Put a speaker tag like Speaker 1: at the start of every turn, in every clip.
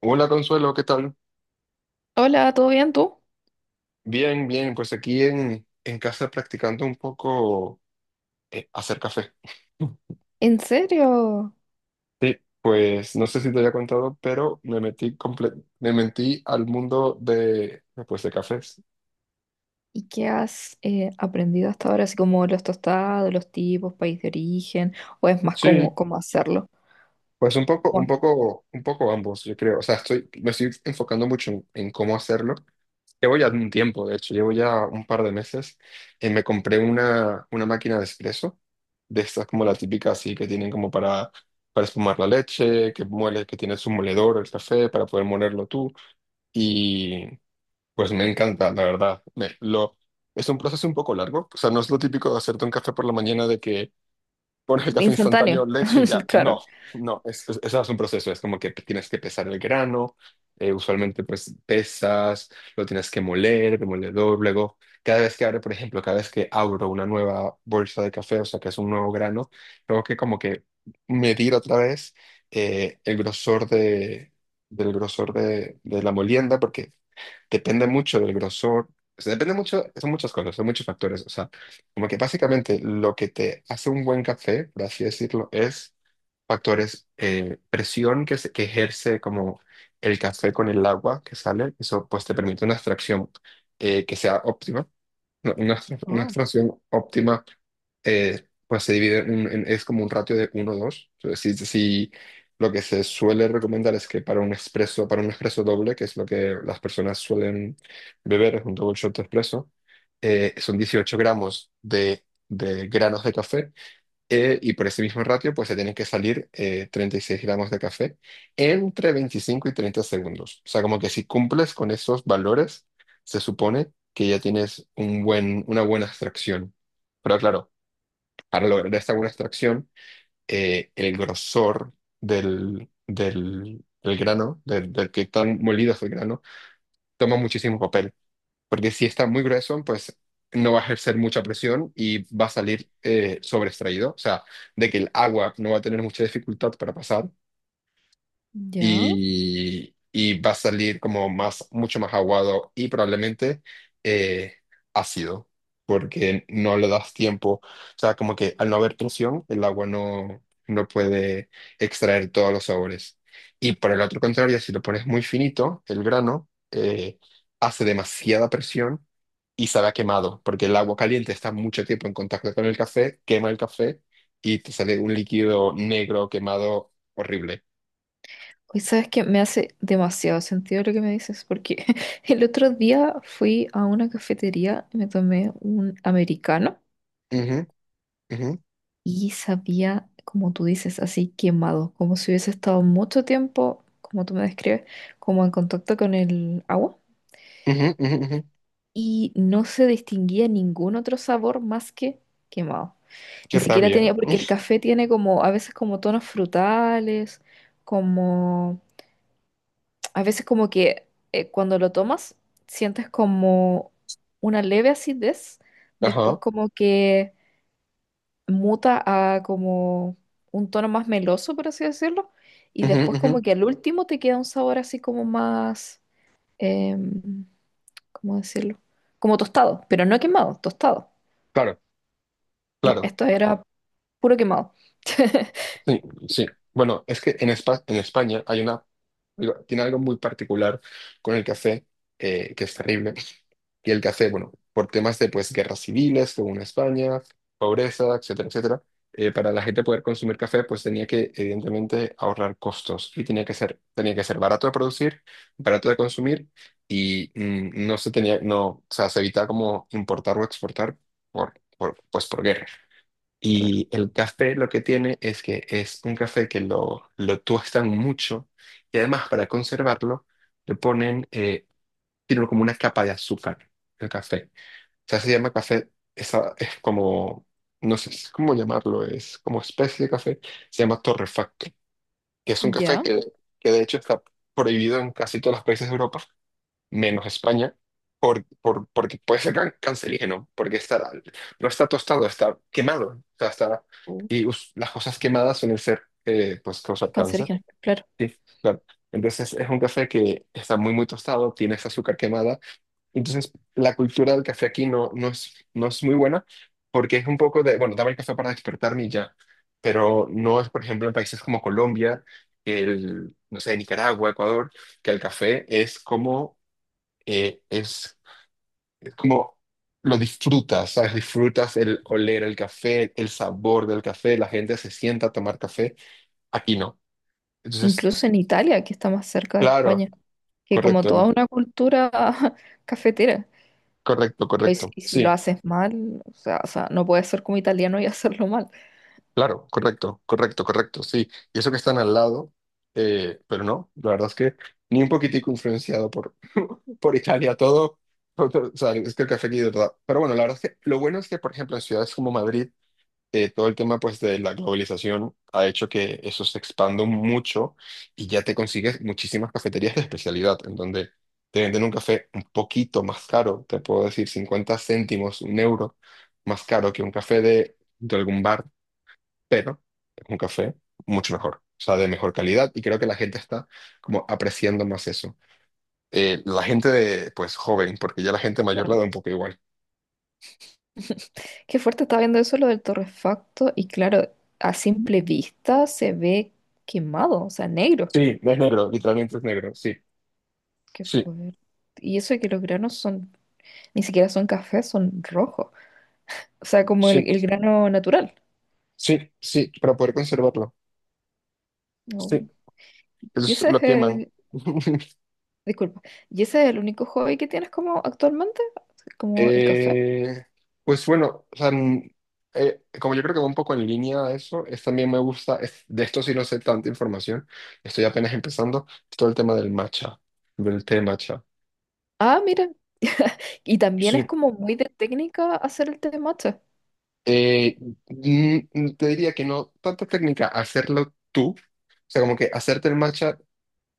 Speaker 1: Hola Consuelo, ¿qué tal?
Speaker 2: Hola, ¿todo bien tú?
Speaker 1: Bien, bien, pues aquí en casa practicando un poco hacer café.
Speaker 2: ¿En serio?
Speaker 1: Sí, pues no sé si te había contado, pero me metí al mundo de, pues, de cafés.
Speaker 2: ¿Y qué has aprendido hasta ahora? Así como los tostados, los tipos, país de origen, o es más como
Speaker 1: Sí,
Speaker 2: cómo hacerlo.
Speaker 1: pues un poco, un
Speaker 2: Bueno,
Speaker 1: poco, un poco ambos, yo creo. O sea, me estoy enfocando mucho en cómo hacerlo. Llevo ya un tiempo, de hecho, llevo ya un par de meses. Me compré una máquina de espresso, de estas como la típica así que tienen como para espumar la leche, que muele, que tiene su moledor, el café, para poder molerlo tú. Y pues me encanta, la verdad. Es un proceso un poco largo, o sea, no es lo típico de hacerte un café por la mañana de que pones el café
Speaker 2: instantáneo,
Speaker 1: instantáneo, leche y ya.
Speaker 2: claro.
Speaker 1: No, no, eso es un proceso, es como que tienes que pesar el grano, usualmente pues pesas, lo tienes que moler, demoledor, luego cada vez que abre, por ejemplo, cada vez que abro una nueva bolsa de café, o sea que es un nuevo grano, tengo que como que medir otra vez el grosor de, del grosor de la molienda, porque depende mucho del grosor, o sea, depende mucho, son muchas cosas, son muchos factores, o sea, como que básicamente lo que te hace un buen café, por así decirlo, es factores, presión que ejerce como el café con el agua que sale, eso pues te permite una extracción que sea óptima, una, una una
Speaker 2: Oh,
Speaker 1: extracción óptima, pues se divide es como un ratio de uno dos 2. Si, si lo que se suele recomendar es que para un expreso doble, que es lo que las personas suelen beber, es un double shot de expreso. Son 18 gramos de granos de café. Y por ese mismo ratio, pues se tienen que salir 36 gramos de café entre 25 y 30 segundos. O sea, como que si cumples con esos valores, se supone que ya tienes una buena extracción. Pero claro, para lograr esta buena extracción, el grosor del grano, del, del que tan molido es el grano, toma muchísimo papel porque si está muy grueso, pues no va a ejercer mucha presión y va a salir sobreextraído, o sea, de que el agua no va a tener mucha dificultad para pasar
Speaker 2: ya.
Speaker 1: y va a salir como mucho más aguado y probablemente eh, ácido, porque no le das tiempo. O sea, como que al no haber presión, el agua no puede extraer todos los sabores. Y por el otro contrario, si lo pones muy finito, el grano hace demasiada presión. Y sabe a quemado, porque el agua caliente está mucho tiempo en contacto con el café, quema el café y te sale un líquido negro quemado horrible.
Speaker 2: Hoy sabes que me hace demasiado sentido lo que me dices, porque el otro día fui a una cafetería y me tomé un americano
Speaker 1: Ujú,
Speaker 2: y sabía, como tú dices, así quemado, como si hubiese estado mucho tiempo, como tú me describes, como en contacto con el agua.
Speaker 1: ujú, ujú, ujú.
Speaker 2: Y no se distinguía ningún otro sabor más que quemado.
Speaker 1: Qué
Speaker 2: Ni siquiera
Speaker 1: rabia.
Speaker 2: tenía, porque el café tiene como a veces como tonos frutales, como a veces como que cuando lo tomas sientes como una leve acidez, después
Speaker 1: Ajá.
Speaker 2: como que muta a como un tono más meloso, por así decirlo, y
Speaker 1: Ujú,
Speaker 2: después
Speaker 1: ujú.
Speaker 2: como que al último te queda un sabor así como más, em, ¿cómo decirlo? Como tostado, pero no quemado, tostado.
Speaker 1: Claro,
Speaker 2: No,
Speaker 1: claro.
Speaker 2: esto era puro quemado.
Speaker 1: Sí, sí. Bueno, es que en en España hay una, digo, tiene algo muy particular con el café, que es terrible, que el café, bueno, por temas de pues guerras civiles, según España, pobreza, etcétera, etcétera, para la gente poder consumir café, pues tenía que evidentemente ahorrar costos y tenía que ser barato de producir, barato de consumir y no se tenía, no, o sea, se evitaba como importar o exportar pues por guerra.
Speaker 2: Claro.
Speaker 1: Y el café lo que tiene es que es un café que lo tuestan mucho y además para conservarlo le ponen, tiene como una capa de azúcar el café sea, se llama café, esa, es como, no sé si es cómo llamarlo, es como especie de café, se llama torrefacto, que es un café
Speaker 2: Ya.
Speaker 1: que de hecho está prohibido en casi todos los países de Europa, menos España, porque puede ser cancerígeno, porque está, no está tostado, está quemado, o sea, está,
Speaker 2: Uh,
Speaker 1: y las cosas quemadas suelen ser, pues,
Speaker 2: qué
Speaker 1: causar cáncer.
Speaker 2: cancerígeno, claro.
Speaker 1: Sí, claro. Entonces es un café que está muy, muy tostado, tiene esa azúcar quemada, entonces, la cultura del café aquí no es muy buena porque es un poco de, bueno, dame el café para despertarme y ya, pero no es, por ejemplo, en países como Colombia, el, no sé, Nicaragua, Ecuador, que el café es como, eh, es, es como lo disfrutas. ¿Sabes? Disfrutas el oler el café, el sabor del café, la gente se sienta a tomar café, aquí no. Entonces,
Speaker 2: Incluso en Italia, que está más cerca de
Speaker 1: claro,
Speaker 2: España, que como
Speaker 1: correcto,
Speaker 2: toda
Speaker 1: Anita,
Speaker 2: una cultura cafetera.
Speaker 1: correcto, correcto,
Speaker 2: Y si lo
Speaker 1: sí.
Speaker 2: haces mal, o sea, no puedes ser como italiano y hacerlo mal.
Speaker 1: Claro, correcto, correcto, correcto, sí. Y eso que están al lado, pero no, la verdad es que ni un poquitico influenciado por Italia, o sea, es que el café aquí de verdad. Pero bueno, la verdad es que lo bueno es que, por ejemplo, en ciudades como Madrid, todo el tema pues de la globalización ha hecho que eso se expanda mucho y ya te consigues muchísimas cafeterías de especialidad en donde te venden un café un poquito más caro, te puedo decir 50 céntimos, un euro más caro que un café de algún bar, pero es un café mucho mejor, o sea, de mejor calidad y creo que la gente está como apreciando más eso. La gente de, pues, joven, porque ya la gente mayor la da
Speaker 2: Claro.
Speaker 1: un poco igual.
Speaker 2: Qué fuerte está viendo eso lo del torrefacto. Y claro, a simple vista se ve quemado, o sea, negro.
Speaker 1: Sí, es negro, literalmente es negro, sí,
Speaker 2: Qué
Speaker 1: sí,
Speaker 2: fuerte. Y eso de que los granos son, ni siquiera son cafés, son rojos. O sea, como
Speaker 1: sí,
Speaker 2: el grano natural.
Speaker 1: sí, sí, para poder conservarlo, sí, eso
Speaker 2: Y
Speaker 1: es
Speaker 2: ese
Speaker 1: lo
Speaker 2: es,
Speaker 1: queman.
Speaker 2: disculpa, ¿y ese es el único hobby que tienes como actualmente? Como el café.
Speaker 1: Eh, pues bueno, o sea, como yo creo que va un poco en línea a eso, también me gusta, de esto sí no sé tanta información, estoy apenas empezando, todo el tema del matcha, del té matcha.
Speaker 2: Ah, mira. Y también es
Speaker 1: Sí.
Speaker 2: como muy de técnica hacer el té de matcha.
Speaker 1: Eh, te diría que no, tanta técnica, hacerlo tú, o sea, como que hacerte el matcha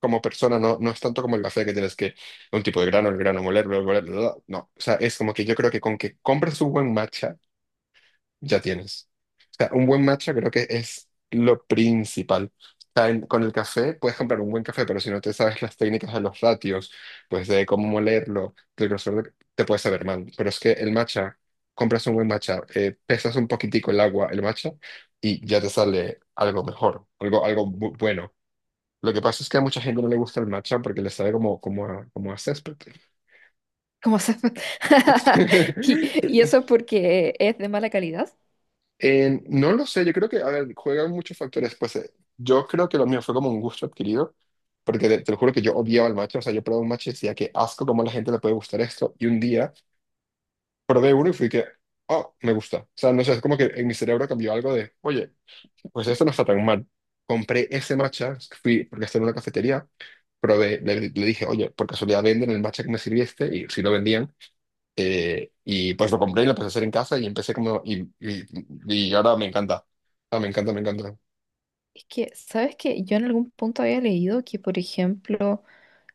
Speaker 1: como persona, no es tanto como el café que tienes que, un tipo de grano, el grano, moler, bla, bla, bla, bla, no, o sea, es como que yo creo que con que compres un buen matcha, ya tienes. O sea, un buen matcha creo que es lo principal. O sea, con el café puedes comprar un buen café, pero si no te sabes las técnicas de los ratios, pues de cómo molerlo, del grosor, te puedes saber mal. Pero es que el matcha, compras un buen matcha, pesas un poquitico el agua, el matcha, y ya te sale algo mejor, bueno. Lo que pasa es que a mucha gente no le gusta el matcha porque le sabe como a césped.
Speaker 2: ¿Cómo se y eso porque es de mala calidad.
Speaker 1: No lo sé, yo creo que, a ver, juegan muchos factores. Pues yo creo que lo mío fue como un gusto adquirido, porque te lo juro que yo odiaba el matcha. O sea, yo probaba un matcha y decía que asco, cómo a la gente le puede gustar esto. Y un día probé uno y fui que, oh, me gusta. O sea, no sé, es como que en mi cerebro cambió algo de, oye, pues esto no está tan mal. Compré ese matcha, fui, porque estaba en una cafetería, probé, le dije, oye, por casualidad venden el matcha que me sirviste, y si lo vendían. Y pues lo compré y lo empecé a hacer en casa y empecé como... Y ahora me encanta. Ah, me encanta, me encanta.
Speaker 2: Es que, ¿sabes qué? Yo en algún punto había leído que, por ejemplo,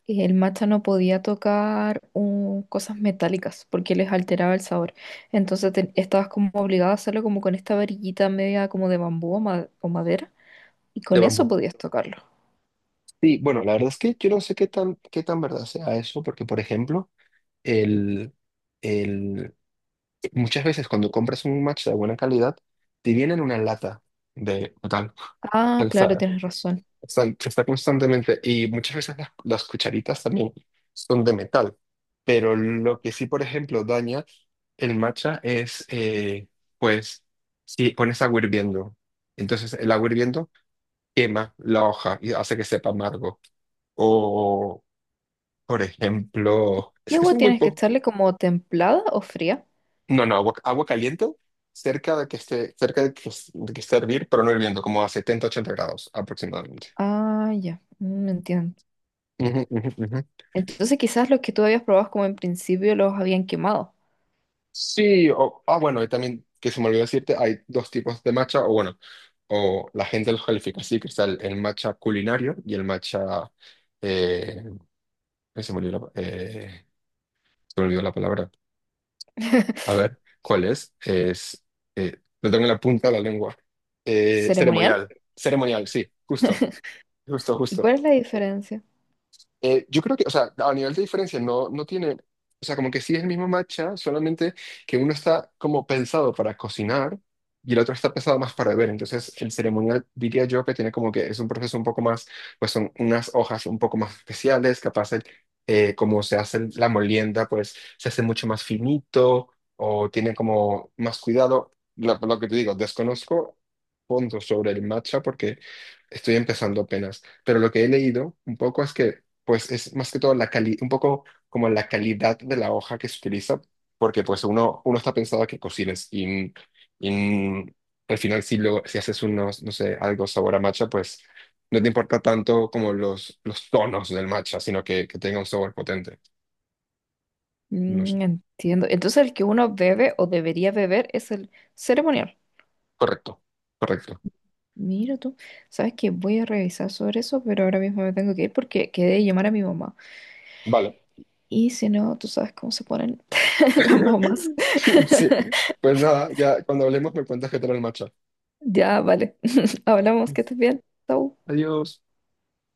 Speaker 2: el matcha no podía tocar un- cosas metálicas porque les alteraba el sabor. Entonces te- estabas como obligado a hacerlo como con esta varillita media como de bambú o ma- o madera. Y
Speaker 1: De
Speaker 2: con eso
Speaker 1: bambú.
Speaker 2: podías tocarlo.
Speaker 1: Sí, bueno, la verdad es que yo no sé qué tan verdad sea eso, porque por ejemplo, el, el, muchas veces cuando compras un matcha de buena calidad, te vienen una lata de metal.
Speaker 2: Ah, claro, tienes razón.
Speaker 1: Está constantemente, y muchas veces las cucharitas también son de metal, pero lo que sí, por ejemplo, daña el matcha es, pues, si pones agua hirviendo, entonces el agua hirviendo quema la hoja y hace que sepa amargo. O, por ejemplo,
Speaker 2: ¿Y
Speaker 1: es que
Speaker 2: agua
Speaker 1: son muy
Speaker 2: tienes que
Speaker 1: poco,
Speaker 2: echarle como templada o fría?
Speaker 1: no, no, agua caliente cerca de que esté, de que esté a hervir, pero no hirviendo, como a 70 80 grados aproximadamente.
Speaker 2: Ah, ya, me entiendo.
Speaker 1: Ujú, ujú, ujú.
Speaker 2: Entonces quizás los que tú habías probado como en principio los habían quemado.
Speaker 1: Sí, o, ah, bueno, y también que se me olvidó decirte, hay dos tipos de matcha, o bueno, o la gente los califica así, que está el matcha culinario y el matcha, eh, ay, se me olvidó la palabra. A ver, ¿cuál es? Lo tengo en la punta de la lengua.
Speaker 2: ¿Ceremonial?
Speaker 1: Ceremonial, sí, justo, justo,
Speaker 2: ¿Y
Speaker 1: justo.
Speaker 2: cuál es la diferencia?
Speaker 1: Yo creo que, o sea, a nivel de diferencia no tiene, o sea, como que sí es el mismo matcha, solamente que uno está como pensado para cocinar y el otro está pensado más para beber. Entonces, el ceremonial diría yo que tiene como que es un proceso un poco más, pues son unas hojas un poco más especiales, capaz como se hace la molienda, pues se hace mucho más finito o tiene como más cuidado. Lo que te digo, desconozco fondo sobre el matcha porque estoy empezando apenas, pero lo que he leído un poco es que pues es más que todo la cali un poco como la calidad de la hoja que se utiliza, porque pues uno está pensado a que cocines y, y al final si haces unos, no sé, algo sabor a matcha, pues no te importa tanto como los tonos del matcha, sino que tenga un sabor potente. No sé.
Speaker 2: Mm, entiendo. Entonces el que uno bebe o debería beber es el ceremonial.
Speaker 1: Correcto, correcto.
Speaker 2: Mira tú, sabes que voy a revisar sobre eso, pero ahora mismo me tengo que ir porque quedé de llamar a mi mamá.
Speaker 1: Vale.
Speaker 2: Y si no, tú sabes cómo se ponen las mamás.
Speaker 1: Sí, pues nada, ya cuando hablemos me cuentas qué tal el matcha.
Speaker 2: Ya, vale. Hablamos, que estés bien. Chau.
Speaker 1: Adiós.